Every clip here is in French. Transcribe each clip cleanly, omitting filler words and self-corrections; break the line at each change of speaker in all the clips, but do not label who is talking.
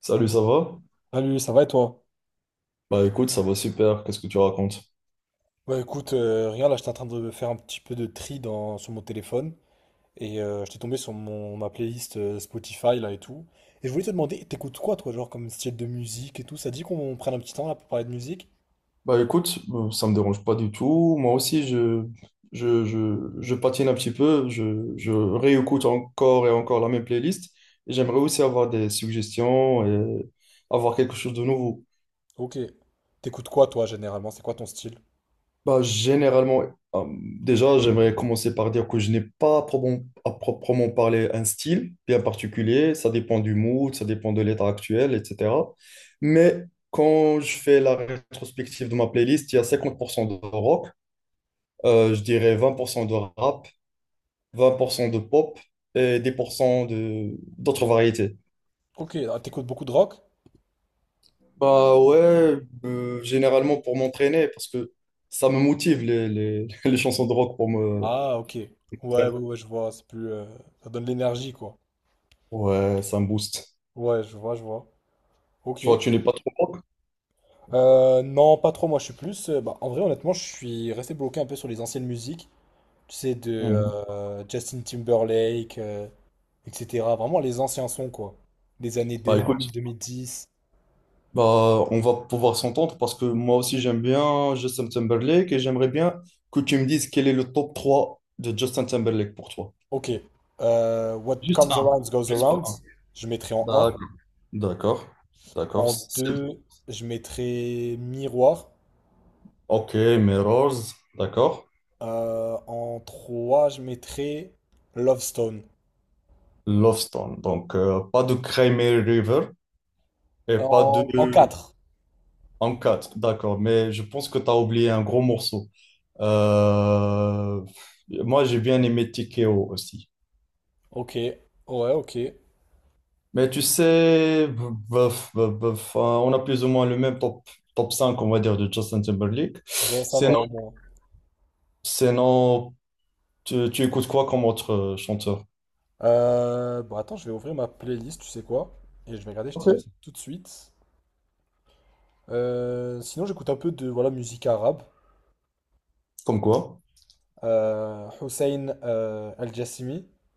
Salut, ça va?
Salut, ça va et toi?
Bah écoute, ça va super, qu'est-ce que tu racontes?
Ouais, écoute, rien, là, j'étais en train de faire un petit peu de tri sur mon téléphone et j'étais tombé sur ma playlist Spotify là et tout. Et je voulais te demander, t'écoutes quoi toi, genre comme style de musique et tout? Ça dit qu'on prenne un petit temps là pour parler de musique?
Bah écoute, ça me dérange pas du tout. Moi aussi, je patine un petit peu, je réécoute encore et encore la même playlist. Et j'aimerais aussi avoir des suggestions et avoir quelque chose de nouveau.
Ok. T'écoutes quoi toi généralement? C'est quoi ton style?
Bah, généralement, euh, déjà, j'aimerais commencer par dire que je n'ai pas à à proprement parler un style bien particulier. Ça dépend du mood, ça dépend de l'état actuel, etc. Mais quand je fais la rétrospective de ma playlist, il y a 50% de rock, je dirais 20% de rap, 10% de pop et 10% de d'autres variétés.
Ok, ah, t'écoutes beaucoup de rock?
Bah ouais, généralement pour m'entraîner, parce que ça me motive les les chansons de rock
Ah, ok. Ouais, ouais,
enfin,
ouais, je vois, c'est plus, ça donne de l'énergie quoi.
ouais, ça me booste.
Ouais, je vois, je vois. Ok.
Tu vois, tu n'es pas trop rock?
Non, pas trop. Moi, je suis plus, bah, en vrai, honnêtement, je suis resté bloqué un peu sur les anciennes musiques. Tu sais, de
Mm.
Justin Timberlake, etc. Vraiment les anciens sons, quoi. Des années
Bah écoute,
2000, 2010.
bah on va pouvoir s'entendre parce que moi aussi j'aime bien Justin Timberlake et j'aimerais bien que tu me dises quel est le top 3 de Justin Timberlake pour toi.
Ok. What
Juste
comes
un.
around goes
Juste pas
around.
un.
Je mettrai en un.
D'accord. D'accord. D'accord.
En 2 je mettrai Miroir.
Ok, Mirrors. D'accord.
En trois je mettrai Love Stone.
Love Stone. Donc pas de Crimea River et pas de
En, en quatre.
Uncut. D'accord. Mais je pense que tu as oublié un gros morceau. Euh, moi, j'ai bien aimé TKO aussi.
Ok. Ouais, ok.
Mais tu sais, enfin, on a plus ou moins le même top 5, on va dire, de Justin Timberlake.
Bon, ça
C'est
va
non,
au moins.
c'est non. Tu écoutes quoi comme autre chanteur?
Bon, attends, je vais ouvrir ma playlist, tu sais quoi? Et je vais regarder, je te dis
Ok.
ça tout de suite. Sinon, j'écoute un peu de voilà, musique arabe.
Comme quoi?
Hussein Al-Jassimi.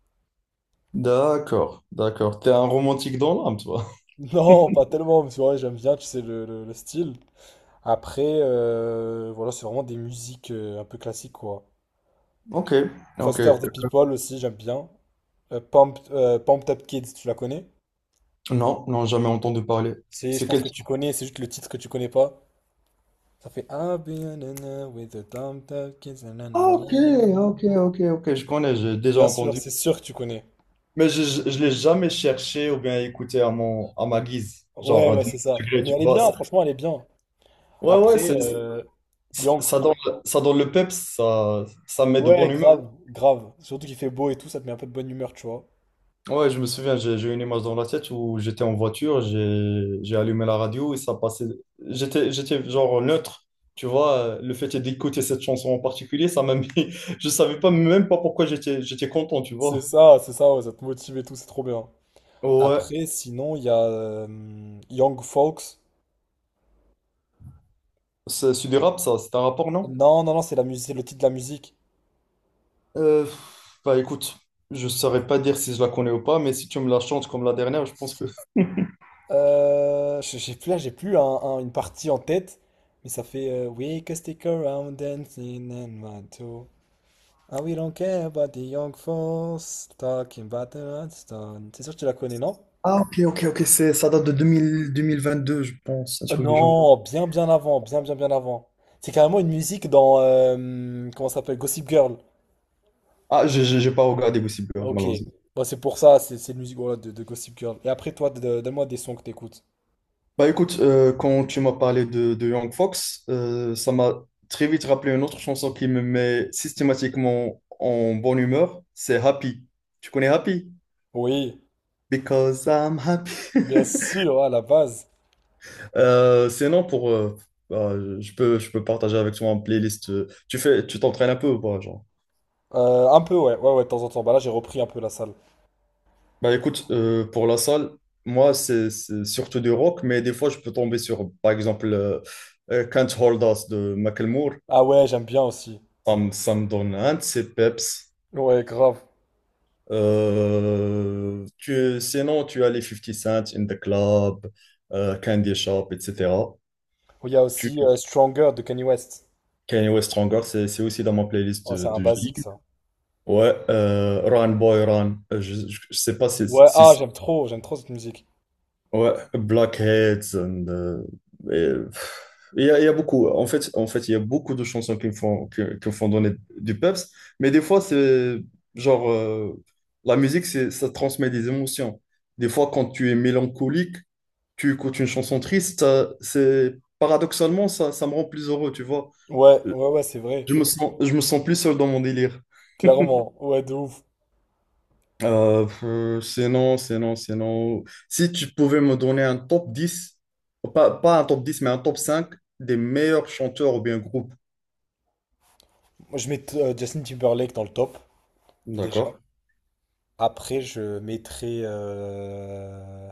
D'accord, d'accord. T'es un romantique dans l'âme, toi.
Non, pas tellement, mais c'est vrai, j'aime bien, tu sais, le style. Après, voilà, c'est vraiment des musiques un peu classiques, quoi.
Ok, ok.
Foster the People aussi, j'aime bien. Pumped Up Kids, tu la connais?
Non, non, jamais entendu parler.
C'est, je
C'est
pense
quel
que
type?
tu connais, c'est juste le titre que tu connais pas. Ça fait I'll be in love with the Pumped Up Kids, nanana.
Ah, ok, ok, ok, ok. Je connais, j'ai déjà
Bien sûr,
entendu.
c'est sûr que tu connais.
Mais je l'ai jamais cherché ou bien écouté à ma guise.
Ouais,
Genre,
ouais,
de mon
c'est ça.
degré,
Mais
tu
elle est
vois.
bien, franchement, elle est bien.
Ouais, ouais,
Après, il
ça donne, ça donne le peps, ça me met de
ouais,
bonne humeur.
grave, grave. Surtout qu'il fait beau et tout, ça te met un peu de bonne humeur, tu vois.
Ouais, je me souviens, j'ai une image dans la tête où j'étais en voiture, j'ai allumé la radio et ça passait. J'étais genre neutre, tu vois. Le fait d'écouter cette chanson en particulier, ça m'a mis. Je savais pas même pas pourquoi j'étais content, tu vois.
C'est ça, ouais, ça te motive et tout, c'est trop bien.
Ouais,
Après, sinon, il y a Young Folks.
c'est du rap, ça. C'est un rapport, non?
Non, non, non, c'est la musique, c'est le titre de la musique.
Euh, bah écoute, je saurais pas dire si je la connais ou pas, mais si tu me la chantes comme la dernière, je pense que.
J'ai plus là, j'ai plus une partie en tête, mais ça fait We can stick around dancing and want to. And we don't care about the young folks talking about the hot stone. C'est sûr que tu la connais, non?
Ah, ok, ok, ok, ça date de 2000 2022, je pense, un
Oh
truc du genre.
non, bien bien avant, bien bien bien avant. C'est carrément une musique dans comment ça s'appelle? Gossip Girl.
Ah, j'ai pas regardé Gossip Girl,
Ok.
malheureusement.
Bah, c'est pour ça, c'est une musique voilà, de Gossip Girl. Et après toi, donne-moi des sons que t'écoutes.
Bah écoute, quand tu m'as parlé de Young Fox, ça m'a très vite rappelé une autre chanson qui me met systématiquement en bonne humeur, c'est Happy. Tu connais Happy?
Oui,
Because I'm happy.
bien sûr, à la base.
Sinon, bah, je peux partager avec toi une playlist. Tu t'entraînes un peu ou pas, genre?
Un peu, ouais, ouais, ouais, de temps en temps. Bah là, j'ai repris un peu la salle.
Bah écoute, pour la salle, moi, c'est surtout du rock, mais des fois, je peux tomber sur, par exemple, Can't Hold Us de Macklemore.
Ah ouais, j'aime bien aussi.
Ça me donne un de ces peps.
Ouais, grave.
Sinon, tu as les fifty Cent, In the Club, Candy Shop, etc.
Oh, il y a
Tu,
aussi Stronger de Kanye West.
Kanye West Stronger, c'est aussi dans ma playlist
Oh, c'est un
de J.
basique ça.
Ouais, Run Boy Run. Je sais pas si,
Ouais,
si
ah,
si-
j'aime trop cette musique.
ouais, Blackheads et, il y a beaucoup. En fait, il y a beaucoup de chansons qui me font que me font donner du peps, mais des fois c'est genre la musique, c'est ça transmet des émotions. Des fois, quand tu es mélancolique, tu écoutes une chanson triste, c'est paradoxalement ça me rend plus heureux, tu vois.
Ouais,
Euh,
ouais, ouais, c'est vrai.
je me sens plus seul dans mon délire.
Clairement, ouais, de ouf.
Sinon, si tu pouvais me donner un top 10, pas un top 10, mais un top 5 des meilleurs chanteurs ou bien groupes.
Moi, je mets Justin Timberlake dans le top, déjà.
D'accord.
Après, je mettrai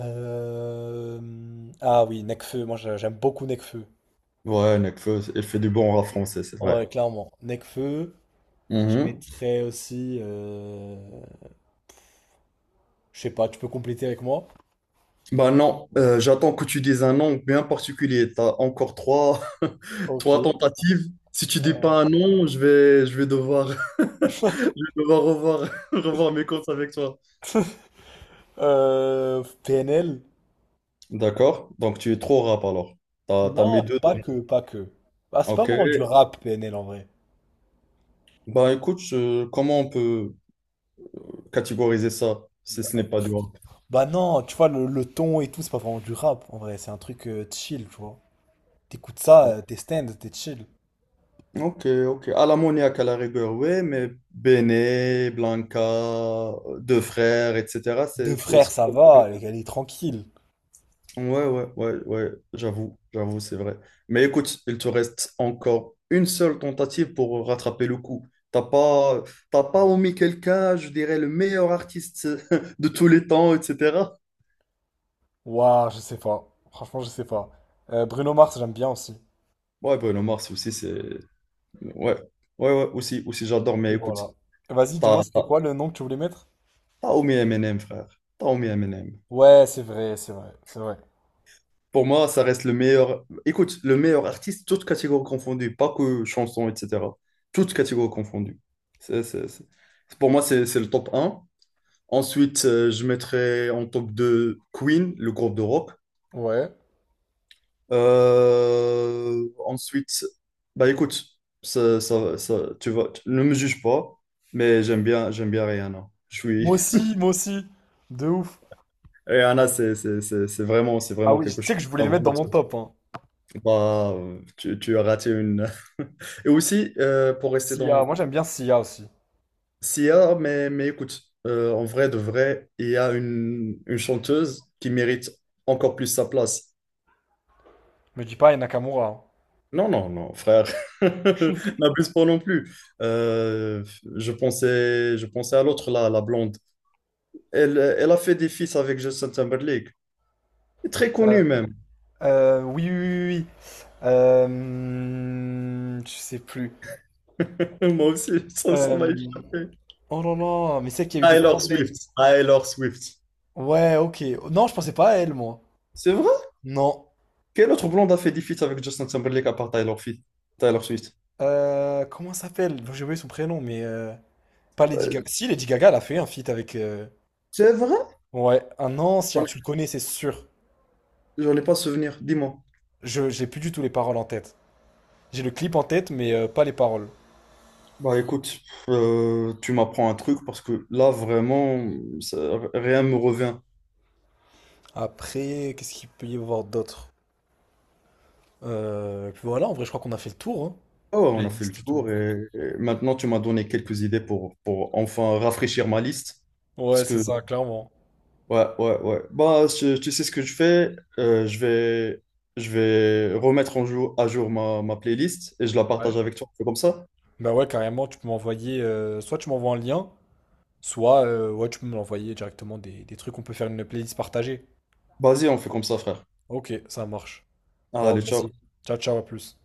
euh, ah oui, Nekfeu. Moi, j'aime beaucoup Nekfeu.
Ouais, Nekfeu, il fait du bon rap français, c'est vrai.
Ouais, clairement. Nekfeu. Je
Mhm.
mettrais aussi, je sais pas, tu peux compléter avec moi?
Bah non, j'attends que tu dises un nom bien particulier. T'as encore trois,
Ok.
trois tentatives. Si tu dis pas un nom, je vais, devoir, je vais devoir revoir, revoir mes comptes avec toi.
PNL?
D'accord. Donc tu es trop rap alors. T'as mis
Non,
deux.
pas que, pas que. Ah, c'est pas
Ok.
vraiment du rap, PNL en vrai.
Bah écoute, comment on peut catégoriser ça si ce n'est pas du rap?
Bah non, tu vois, le ton et tout, c'est pas vraiment du rap en vrai. C'est un truc chill, tu vois. T'écoutes ça, t'es stand, t'es chill.
Ok, ok. À l'ammoniaque à la rigueur, oui, mais Béné, Blanca, Deux Frères, etc.
Deux frères, ça va, elle est tranquille.
Ouais, ouais, ouais, ouais, j'avoue, j'avoue, c'est vrai. Mais écoute, il te reste encore une seule tentative pour rattraper le coup. T'as pas, t'as pas omis quelqu'un, je dirais, le meilleur artiste de tous les temps, etc.
Waouh, je sais pas. Franchement, je sais pas. Bruno Mars, j'aime bien aussi.
Ouais, Bruno Mars aussi. C'est Ouais, ouais, ouais, aussi j'adore, mais
Et
écoute,
voilà. Vas-y, dis-moi,
t'as,
c'était
t'as,
quoi le nom que tu voulais mettre?
t'as omis Eminem, frère. T'as omis Eminem.
Ouais, c'est vrai, c'est vrai, c'est vrai.
Pour moi, ça reste le meilleur, écoute, le meilleur artiste, toutes catégories confondues, pas que chansons, etc. Toutes catégories confondues. C'est, c'est- c'est- Pour moi, c'est le top un. Ensuite, je mettrais en top 2 Queen, le groupe de rock.
Ouais.
Ensuite, bah écoute, ne me juge pas, mais j'aime bien Rihanna.
Moi aussi, moi aussi. De ouf.
Et Anna, c'est c'est- c'est- c'est vraiment, c'est
Ah
vraiment
oui,
quelque
tu sais
chose.
que je voulais
En
le mettre dans
gros,
mon top, hein.
c'est pas- tu as raté une. Et aussi, pour rester
Sia,
dans
moi j'aime bien Sia aussi.
Sia, mais écoute, en vrai, de vrai, il y a une chanteuse qui mérite encore plus sa place.
Me dis pas et Nakamura, hein.
Non, non, non, frère, n'abuse pas non plus. Euh, je pensais à l'autre, là, la blonde. Elle a fait des feats avec Justin Timberlake. Très
Euh,
connue même.
oui, oui, oui, oui. Je sais plus.
Moi aussi, ça
Euh,
m'a échappé.
oh là là, mais c'est qu'il y a eu des
Taylor
problèmes.
Swift. Taylor Swift.
Ouais, ok. Non, je pensais pas à elle, moi.
C'est vrai?
Non.
Quel autre blonde a fait des feats avec Justin Timberlake à part Taylor Swift?
Comment ça s'appelle? J'ai oublié son prénom, mais pas Lady
Euh,
Gaga. Si, Lady Gaga, elle a fait un feat avec,
C'est vrai?
ouais, un ancien,
J'en ai-
tu le connais, c'est sûr.
J'en ai pas souvenir, dis-moi.
J'ai plus du tout les paroles en tête. J'ai le clip en tête, mais pas les paroles.
Bah écoute, tu m'apprends un truc parce que là vraiment, rien me revient.
Après, qu'est-ce qu'il peut y avoir d'autre? Puis voilà, en vrai, je crois qu'on a fait le tour, hein.
Oh, on
La
a fait le
liste et tout.
tour et maintenant tu m'as donné quelques idées pour enfin rafraîchir ma liste.
Ouais,
Parce
c'est
que
ça, clairement.
Ouais, ouais, ouais. Bah, tu sais ce que je fais? Je vais remettre à jour ma playlist et je la
Ouais.
partage avec toi. On fait comme ça?
Bah ouais, carrément, tu peux m'envoyer, soit tu m'envoies un lien, soit ouais, tu peux me l'envoyer directement des trucs. On peut faire une playlist partagée.
Vas-y, on fait comme ça, frère.
Ok, ça marche. Bon,
Allez, ciao.
vas-y. Ciao, ciao, à plus.